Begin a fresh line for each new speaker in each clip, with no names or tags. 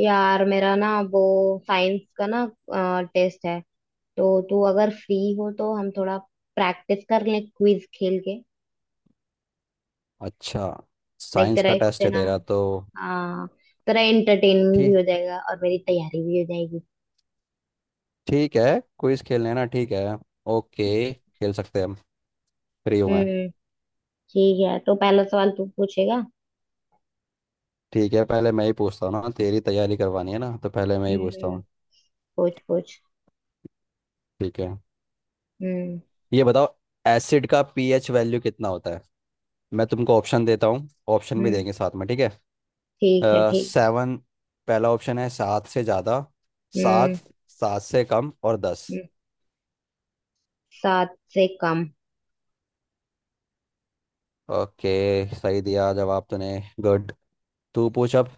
यार मेरा ना वो साइंस का ना टेस्ट है। तो तू अगर फ्री हो तो हम थोड़ा प्रैक्टिस कर लें क्विज खेल के।
अच्छा।
देख
साइंस
तेरा
का टेस्ट
इससे
है
ना।
तेरा तो।
हाँ, तेरा एंटरटेनमेंट भी
ठीक।
हो जाएगा और मेरी तैयारी भी हो जाएगी।
ठीक है। क्विज खेलने ना? ठीक है। ओके। खेल सकते हैं हम। फ्री हूँ मैं।
हम्म। ठीक है, तो पहला सवाल तू पूछेगा।
ठीक है, पहले मैं ही पूछता हूँ ना, तेरी तैयारी करवानी है ना, तो पहले मैं ही पूछता
हम्म।
हूँ।
पूछ पूछ।
ठीक है,
हम्म।
ये बताओ, एसिड का पीएच वैल्यू कितना होता है? मैं तुमको ऑप्शन देता हूँ। ऑप्शन भी
हम्म,
देंगे साथ में, ठीक है।
ठीक है ठीक।
सेवन। पहला ऑप्शन है सात से ज़्यादा, सात,
हम्म।
सात से कम, और 10।
हम्म, सात से कम।
ओके, सही दिया जवाब तूने। गुड। तू पूछ अब।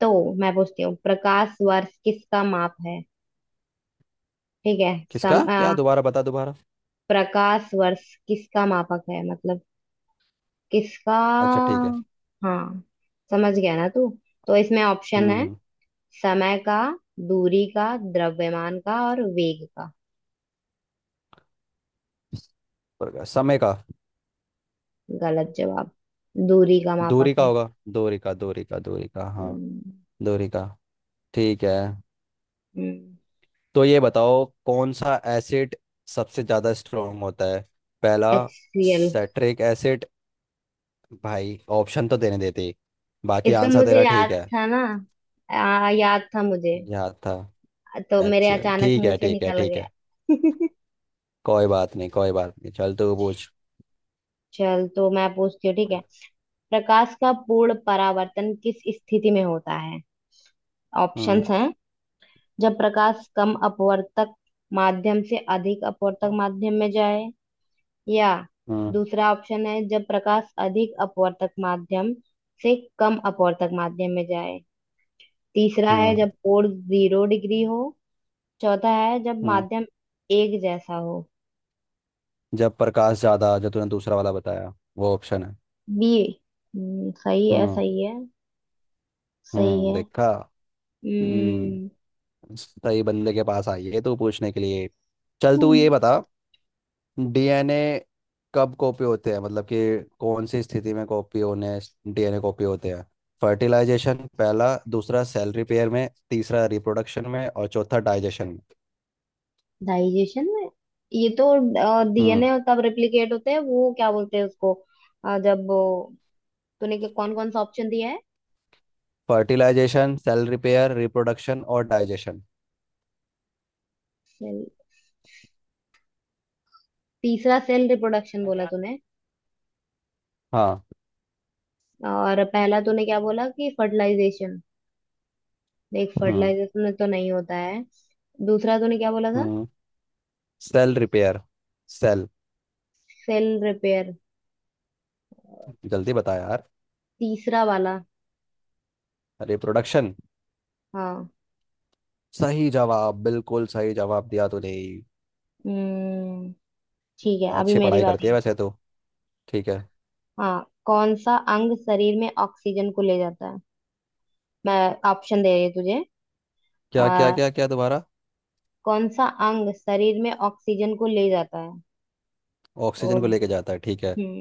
तो मैं पूछती हूँ, प्रकाश वर्ष किसका माप है? ठीक है। सम,
किसका क्या? दोबारा बता, दोबारा।
प्रकाश वर्ष किसका मापक है मतलब, किसका?
अच्छा, ठीक है।
हाँ, समझ गया ना तू? तो इसमें ऑप्शन
हम्म।
है,
हम्म।
समय का, दूरी का, द्रव्यमान का और वेग का।
समय का।
गलत जवाब। दूरी का मापक
दूरी का
है।
होगा। दूरी का, दूरी का, दूरी का, हाँ।
हम्म।
दूरी का। ठीक है, तो ये बताओ, कौन सा एसिड सबसे ज्यादा स्ट्रांग होता है? पहला,
H C L.
Citric acid. भाई, ऑप्शन तो देने देते। बाकी
इसका
आंसर
मुझे
तेरा
याद
ठीक है।
था ना। याद था मुझे।
याद था।
तो
एच
मेरे
सी एल।
अचानक
ठीक
मुंह
है,
से
ठीक है,
निकल
ठीक
गया।
है। कोई बात नहीं, कोई बात नहीं, चल तू पूछ।
चल, तो मैं पूछती हूँ ठीक है। प्रकाश का पूर्ण परावर्तन किस स्थिति में होता है?
हम्म।
ऑप्शंस हैं, जब प्रकाश कम अपवर्तक माध्यम से अधिक अपवर्तक माध्यम में जाए, या
हम्म।
दूसरा ऑप्शन है जब प्रकाश अधिक अपवर्तक माध्यम से कम अपवर्तक माध्यम में जाए, तीसरा है
हम्म।
जब कोण जीरो डिग्री हो, चौथा है जब
हम्म।
माध्यम एक जैसा हो।
जब प्रकाश ज्यादा, जो तूने दूसरा वाला बताया वो ऑप्शन है।
बी। सही है
हम्म।
सही है। सही
हम्म,
है।
देखा।
हम्म।
हम्म। सही बंदे के पास आई है तू पूछने के लिए। चल तू ये बता, डीएनए कब कॉपी होते हैं, मतलब कि कौन सी स्थिति में कॉपी होने, डीएनए कॉपी होते हैं? फर्टिलाइजेशन पहला, दूसरा सेल रिपेयर में, तीसरा रिप्रोडक्शन में, और चौथा डाइजेशन में।
डाइजेशन में। ये तो
हम्म।
डीएनए कब रेप्लिकेट होते हैं वो क्या बोलते हैं उसको? अ, जब वो- तूने कौन कौन सा ऑप्शन दिया है?
फर्टिलाइजेशन, सेल रिपेयर, रिप्रोडक्शन, और डाइजेशन।
सेल। तीसरा सेल रिप्रोडक्शन बोला तूने।
हाँ।
और पहला तूने क्या बोला कि फर्टिलाइजेशन। देख
हम्म।
फर्टिलाइजेशन में तो नहीं होता है। दूसरा तूने क्या बोला था?
हम्म। Cell repair. Cell,
cell repair.
जल्दी बता यार।
तीसरा वाला।
अरे, प्रोडक्शन।
हाँ।
सही जवाब, बिल्कुल सही जवाब दिया तूने।
हम्म। ठीक है, अभी
अच्छी
मेरी
पढ़ाई करती
बारी
है
है।
वैसे तो। ठीक है।
हाँ, कौन सा अंग शरीर में ऑक्सीजन को ले जाता है? मैं ऑप्शन दे रही हूँ तुझे।
क्या, क्या, क्या, क्या? दोबारा।
कौन सा अंग शरीर में ऑक्सीजन को ले जाता है? तो
ऑक्सीजन को लेके जाता है, ठीक है।
हम्म,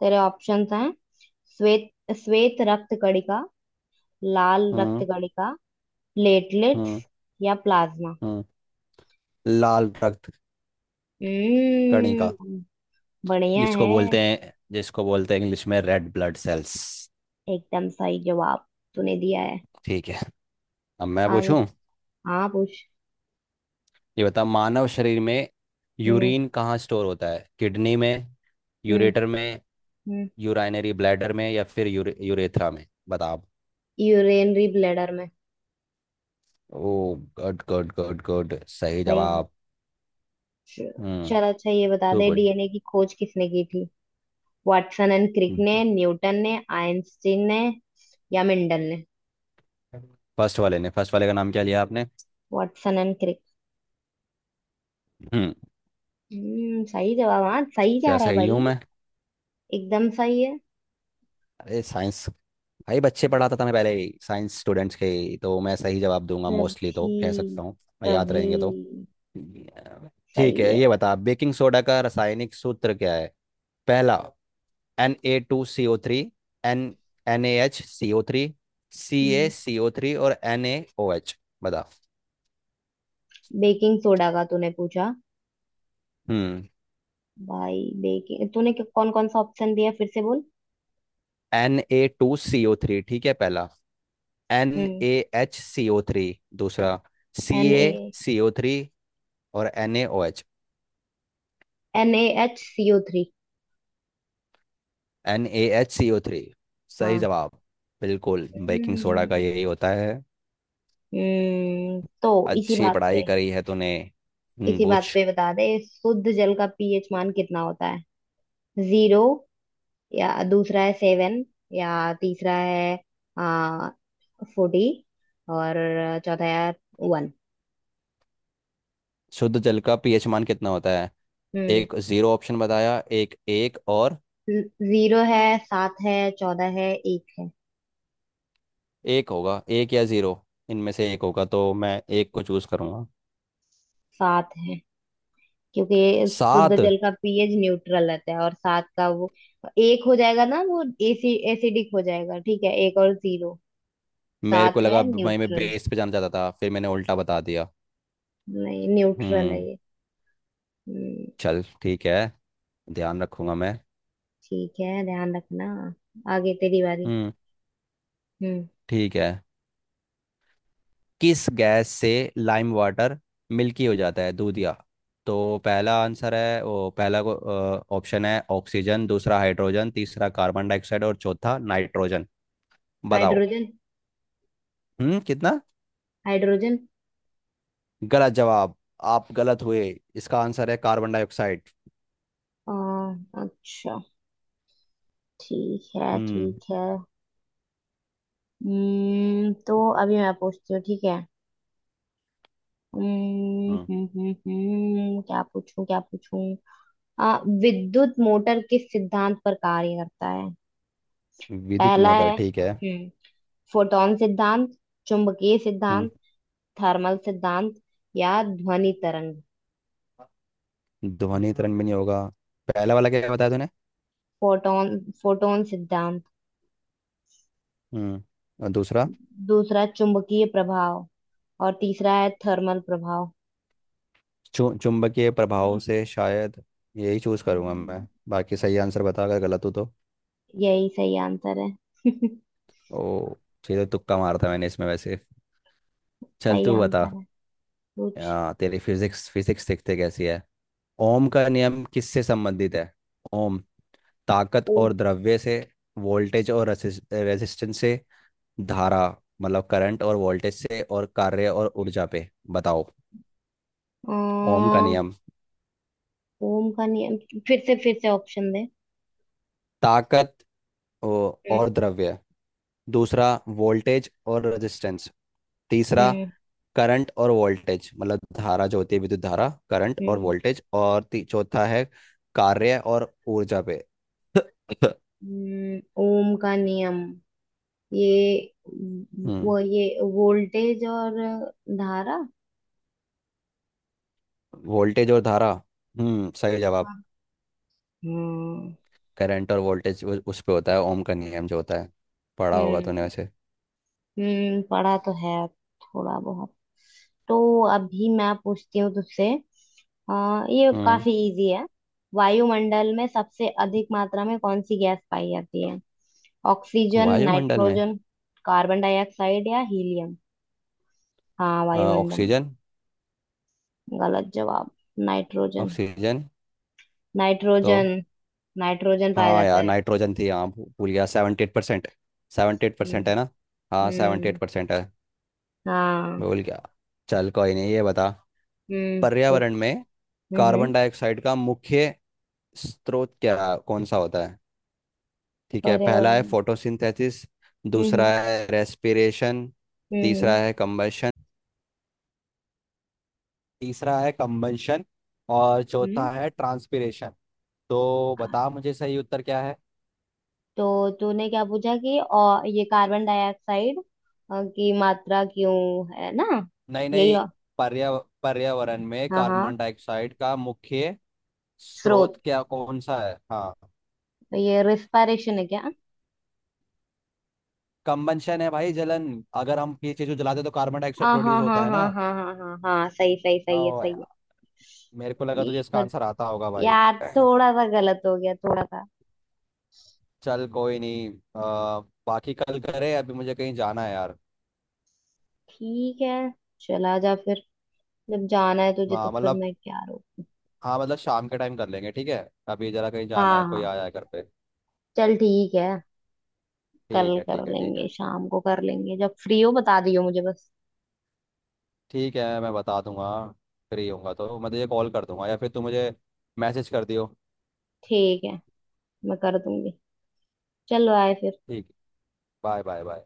तेरे ऑप्शंस हैं, श्वेत, श्वेत रक्त कणिका, लाल रक्त
हम्म।
कणिका, प्लेटलेट्स
हम्म।
या प्लाज्मा।
हम्म। लाल रक्त कणिका।
हम्म। बढ़िया
जिसको
है।
बोलते हैं जिसको बोलते हैं इंग्लिश में रेड ब्लड सेल्स।
एकदम सही जवाब तूने दिया है।
ठीक है। अब मैं
आगे।
पूछूं।
हाँ, पूछ।
ये बता, मानव शरीर में
हम्म।
यूरिन कहाँ स्टोर होता है? किडनी में,
हम्म।
यूरेटर में,
हम्म,
यूराइनरी ब्लैडर में, या फिर यूरेथ्रा में? बता आप।
यूरेनरी ब्लैडर में।
Oh, good, good, good, good, सही
सही है।
जवाब। हम्म।
चल, अच्छा ये बता
तो
दे
बोल।
डीएनए की खोज किसने की थी? वाटसन एंड क्रिक ने, न्यूटन ने, आइंस्टीन ने या मेंडल ने?
फर्स्ट वाले ने, फर्स्ट वाले का नाम क्या लिया आपने?
Watson and Crick.
हम्म।
हम्म, सही जवाब। हाँ, सही जा
क्या
रहा है
सही हूँ
भाई।
मैं?
एकदम सही है।
अरे, साइंस। भाई, बच्चे पढ़ाता था मैं पहले ही, साइंस स्टूडेंट्स के ही, तो मैं सही जवाब दूंगा मोस्टली, तो कह
तभी,
सकता हूँ मैं, याद
तभी।
रहेंगे तो। ठीक
सही
है,
है।
ये बता, बेकिंग सोडा का रासायनिक सूत्र क्या है? पहला, N A two C O three. N N A H C O three. C A
हम्म।
सी ओ थ्री, और एन ए ओ एच। बता।
बेकिंग सोडा का तूने पूछा?
हम्म।
भाई बेकिंग तूने कौन कौन सा ऑप्शन दिया फिर से बोल?
N A two C O three, ठीक है, पहला। एन
हम्म।
A H C O three, दूसरा। C
N
A
A
C O three, और N A O H.
N A H C O three.
N A H C O three, सही
हाँ।
जवाब। बिल्कुल, बेकिंग सोडा का
हम्म।
यही होता है।
तो इसी
अच्छी
बात
पढ़ाई
पे,
करी है तूने।
इसी बात
पूछ।
पे बता दे शुद्ध जल का पीएच मान कितना होता है? जीरो, या दूसरा है सेवन, या तीसरा है आ, फोर्टी, और चौथा है वन।
शुद्ध जल का पीएच मान कितना होता है?
हम्म।
एक जीरो ऑप्शन बताया, एक एक और।
जीरो है, सात है, चौदह है, एक है।
एक होगा, एक या जीरो, इनमें से एक होगा, तो मैं एक को चूज करूंगा।
सात है, क्योंकि शुद्ध
सात?
जल का पीएच न्यूट्रल रहता है, और सात का वो, एक हो जाएगा ना वो, एसी एसिडिक हो जाएगा। ठीक है, एक और जीरो।
मेरे को
सात
लगा
है
भाई मैं
न्यूट्रल।
बेस पे जाना चाहता था, फिर मैंने उल्टा बता दिया।
नहीं, न्यूट्रल है
हम्म।
ये। हम्म।
चल ठीक है, ध्यान रखूंगा मैं।
ठीक है, ध्यान रखना। आगे तेरी बारी।
हम्म।
हम्म।
ठीक है, किस गैस से लाइम वाटर मिल्की हो जाता है, दूधिया? तो, पहला आंसर है वो, पहला को ऑप्शन है ऑक्सीजन, दूसरा हाइड्रोजन, तीसरा कार्बन डाइऑक्साइड, और चौथा नाइट्रोजन। बताओ।
हाइड्रोजन।
हम्म, कितना?
हाइड्रोजन।
गलत जवाब, आप गलत हुए। इसका आंसर है कार्बन डाइऑक्साइड।
अ, अच्छा। ठीक है
हम्म।
ठीक है। हम्म, तो अभी मैं पूछती हूँ ठीक है।
हम्म,
क्या पूछूं क्या पूछूं? अ, विद्युत मोटर किस सिद्धांत पर कार्य करता है?
विद्युत
पहला
मोटर,
है
ठीक है।
हम्म, फोटोन सिद्धांत, चुंबकीय
हम्म।
सिद्धांत, थर्मल सिद्धांत या ध्वनि तरंग।
ध्वनि तरंग भी नहीं होगा। पहला वाला क्या बताया तूने?
फोटोन, फोटोन सिद्धांत।
हम्म। और दूसरा?
दूसरा चुंबकीय प्रभाव और तीसरा है थर्मल
चुंबकीय प्रभाव, हम्म, से शायद। यही चूज करूंगा
प्रभाव।
मैं। बाकी सही आंसर बता अगर गलत हो तो।
यही सही आंसर है।
ओ। सीधे तुक्का मारा था मैंने इसमें वैसे। चल
सही
तू बता।
आंसर है। पूछ।
तेरी फिजिक्स फिजिक्स देखते कैसी है। ओम का नियम किससे संबंधित है? ओम। ताकत
ओ।
और द्रव्य से, वोल्टेज और रेजिस्टेंस से, धारा मतलब करंट और वोल्टेज से, और कार्य और ऊर्जा पे। बताओ।
अ,
ओम का नियम।
ओम का नियम। फिर से ऑप्शन दे।
ताकत
हम्म।
और द्रव्य, दूसरा वोल्टेज और रेजिस्टेंस, तीसरा
हम्म।
करंट और वोल्टेज मतलब धारा जो होती है, विद्युत धारा, करंट और
हम्म,
वोल्टेज, और चौथा है कार्य और ऊर्जा पे।
ओम का नियम, ये,
हम्म,
वो, ये, वोल्टेज और धारा।
वोल्टेज और धारा। हम्म, सही जवाब।
हाँ। हम्म।
करंट और वोल्टेज, उस पे होता है ओम का नियम जो होता है। पढ़ा होगा तूने
हम्म,
वैसे।
पढ़ा तो है थोड़ा बहुत। तो अभी मैं पूछती हूँ तुझसे। ये
हम्म।
काफी इजी है। वायुमंडल में सबसे अधिक मात्रा में कौन सी गैस पाई जाती है? ऑक्सीजन,
वायुमंडल में?
नाइट्रोजन, कार्बन डाइऑक्साइड या हीलियम? हाँ, वायुमंडल।
ऑक्सीजन।
गलत जवाब। नाइट्रोजन,
ऑक्सीजन, तो?
नाइट्रोजन। नाइट्रोजन पाया
हाँ
जाता
यार,
है।
नाइट्रोजन थी, हाँ, भूल गया। 78%। 78%
हम्म।
है ना? हाँ, सेवेंटी एट
हम्म।
परसेंट है।
हाँ।
भूल गया। चल कोई नहीं, ये बता।
हम्म। ओ-
पर्यावरण में
हम्म।
कार्बन डाइऑक्साइड का मुख्य स्रोत क्या, कौन सा होता है? ठीक है, पहला
पर्यावरण।
है फोटोसिंथेसिस,
हम्म।
दूसरा
हम्म।
है, तीसरा है कंबंशन, और चौथा है ट्रांसपिरेशन। तो
हम्म।
बता मुझे, सही उत्तर क्या है।
तो तूने क्या पूछा कि और ये कार्बन डाइऑक्साइड की मात्रा क्यों, है ना?
नहीं
यही।
नहीं, पर्या पर्यावरण में
हाँ हाँ।
कार्बन डाइऑक्साइड का मुख्य स्रोत
स्रोत।
क्या, कौन सा है? हाँ।
ये रिस्पायरेशन है क्या?
कंबंशन है भाई, जलन। अगर हम ये चीज को जलाते हैं तो कार्बन डाइऑक्साइड
हाँ हाँ
प्रोड्यूस
हाँ
होता है
हाँ
ना।
हाँ हाँ हाँ हाँ, सही सही सही है
ओ
सही है।
यार, मेरे को लगा
ये
तुझे इसका
थोड़,
आंसर आता होगा भाई।
यार थोड़ा सा गलत हो गया, थोड़ा सा।
चल कोई नहीं। आ, बाकी कल करे, अभी मुझे कहीं जाना है यार।
ठीक है, चला जा फिर। जब जाना है तुझे तो फिर
मतलब,
मैं क्या रोकूं?
हाँ, मतलब शाम के टाइम कर लेंगे, ठीक है। अभी जरा कहीं जाना है,
हाँ
कोई
हाँ।
आया है घर पे।
चल ठीक है। कल
ठीक है,
कर
ठीक है, ठीक
लेंगे,
है।
शाम को कर लेंगे, जब फ्री हो बता दियो मुझे बस।
ठीक है, मैं बता दूंगा। फ्री होऊंगा तो मैं तुझे कॉल कर दूंगा, या फिर तू मुझे मैसेज कर दियो।
ठीक है, मैं कर दूंगी। चलो, आए फिर।
ठीक। Bye, bye, bye.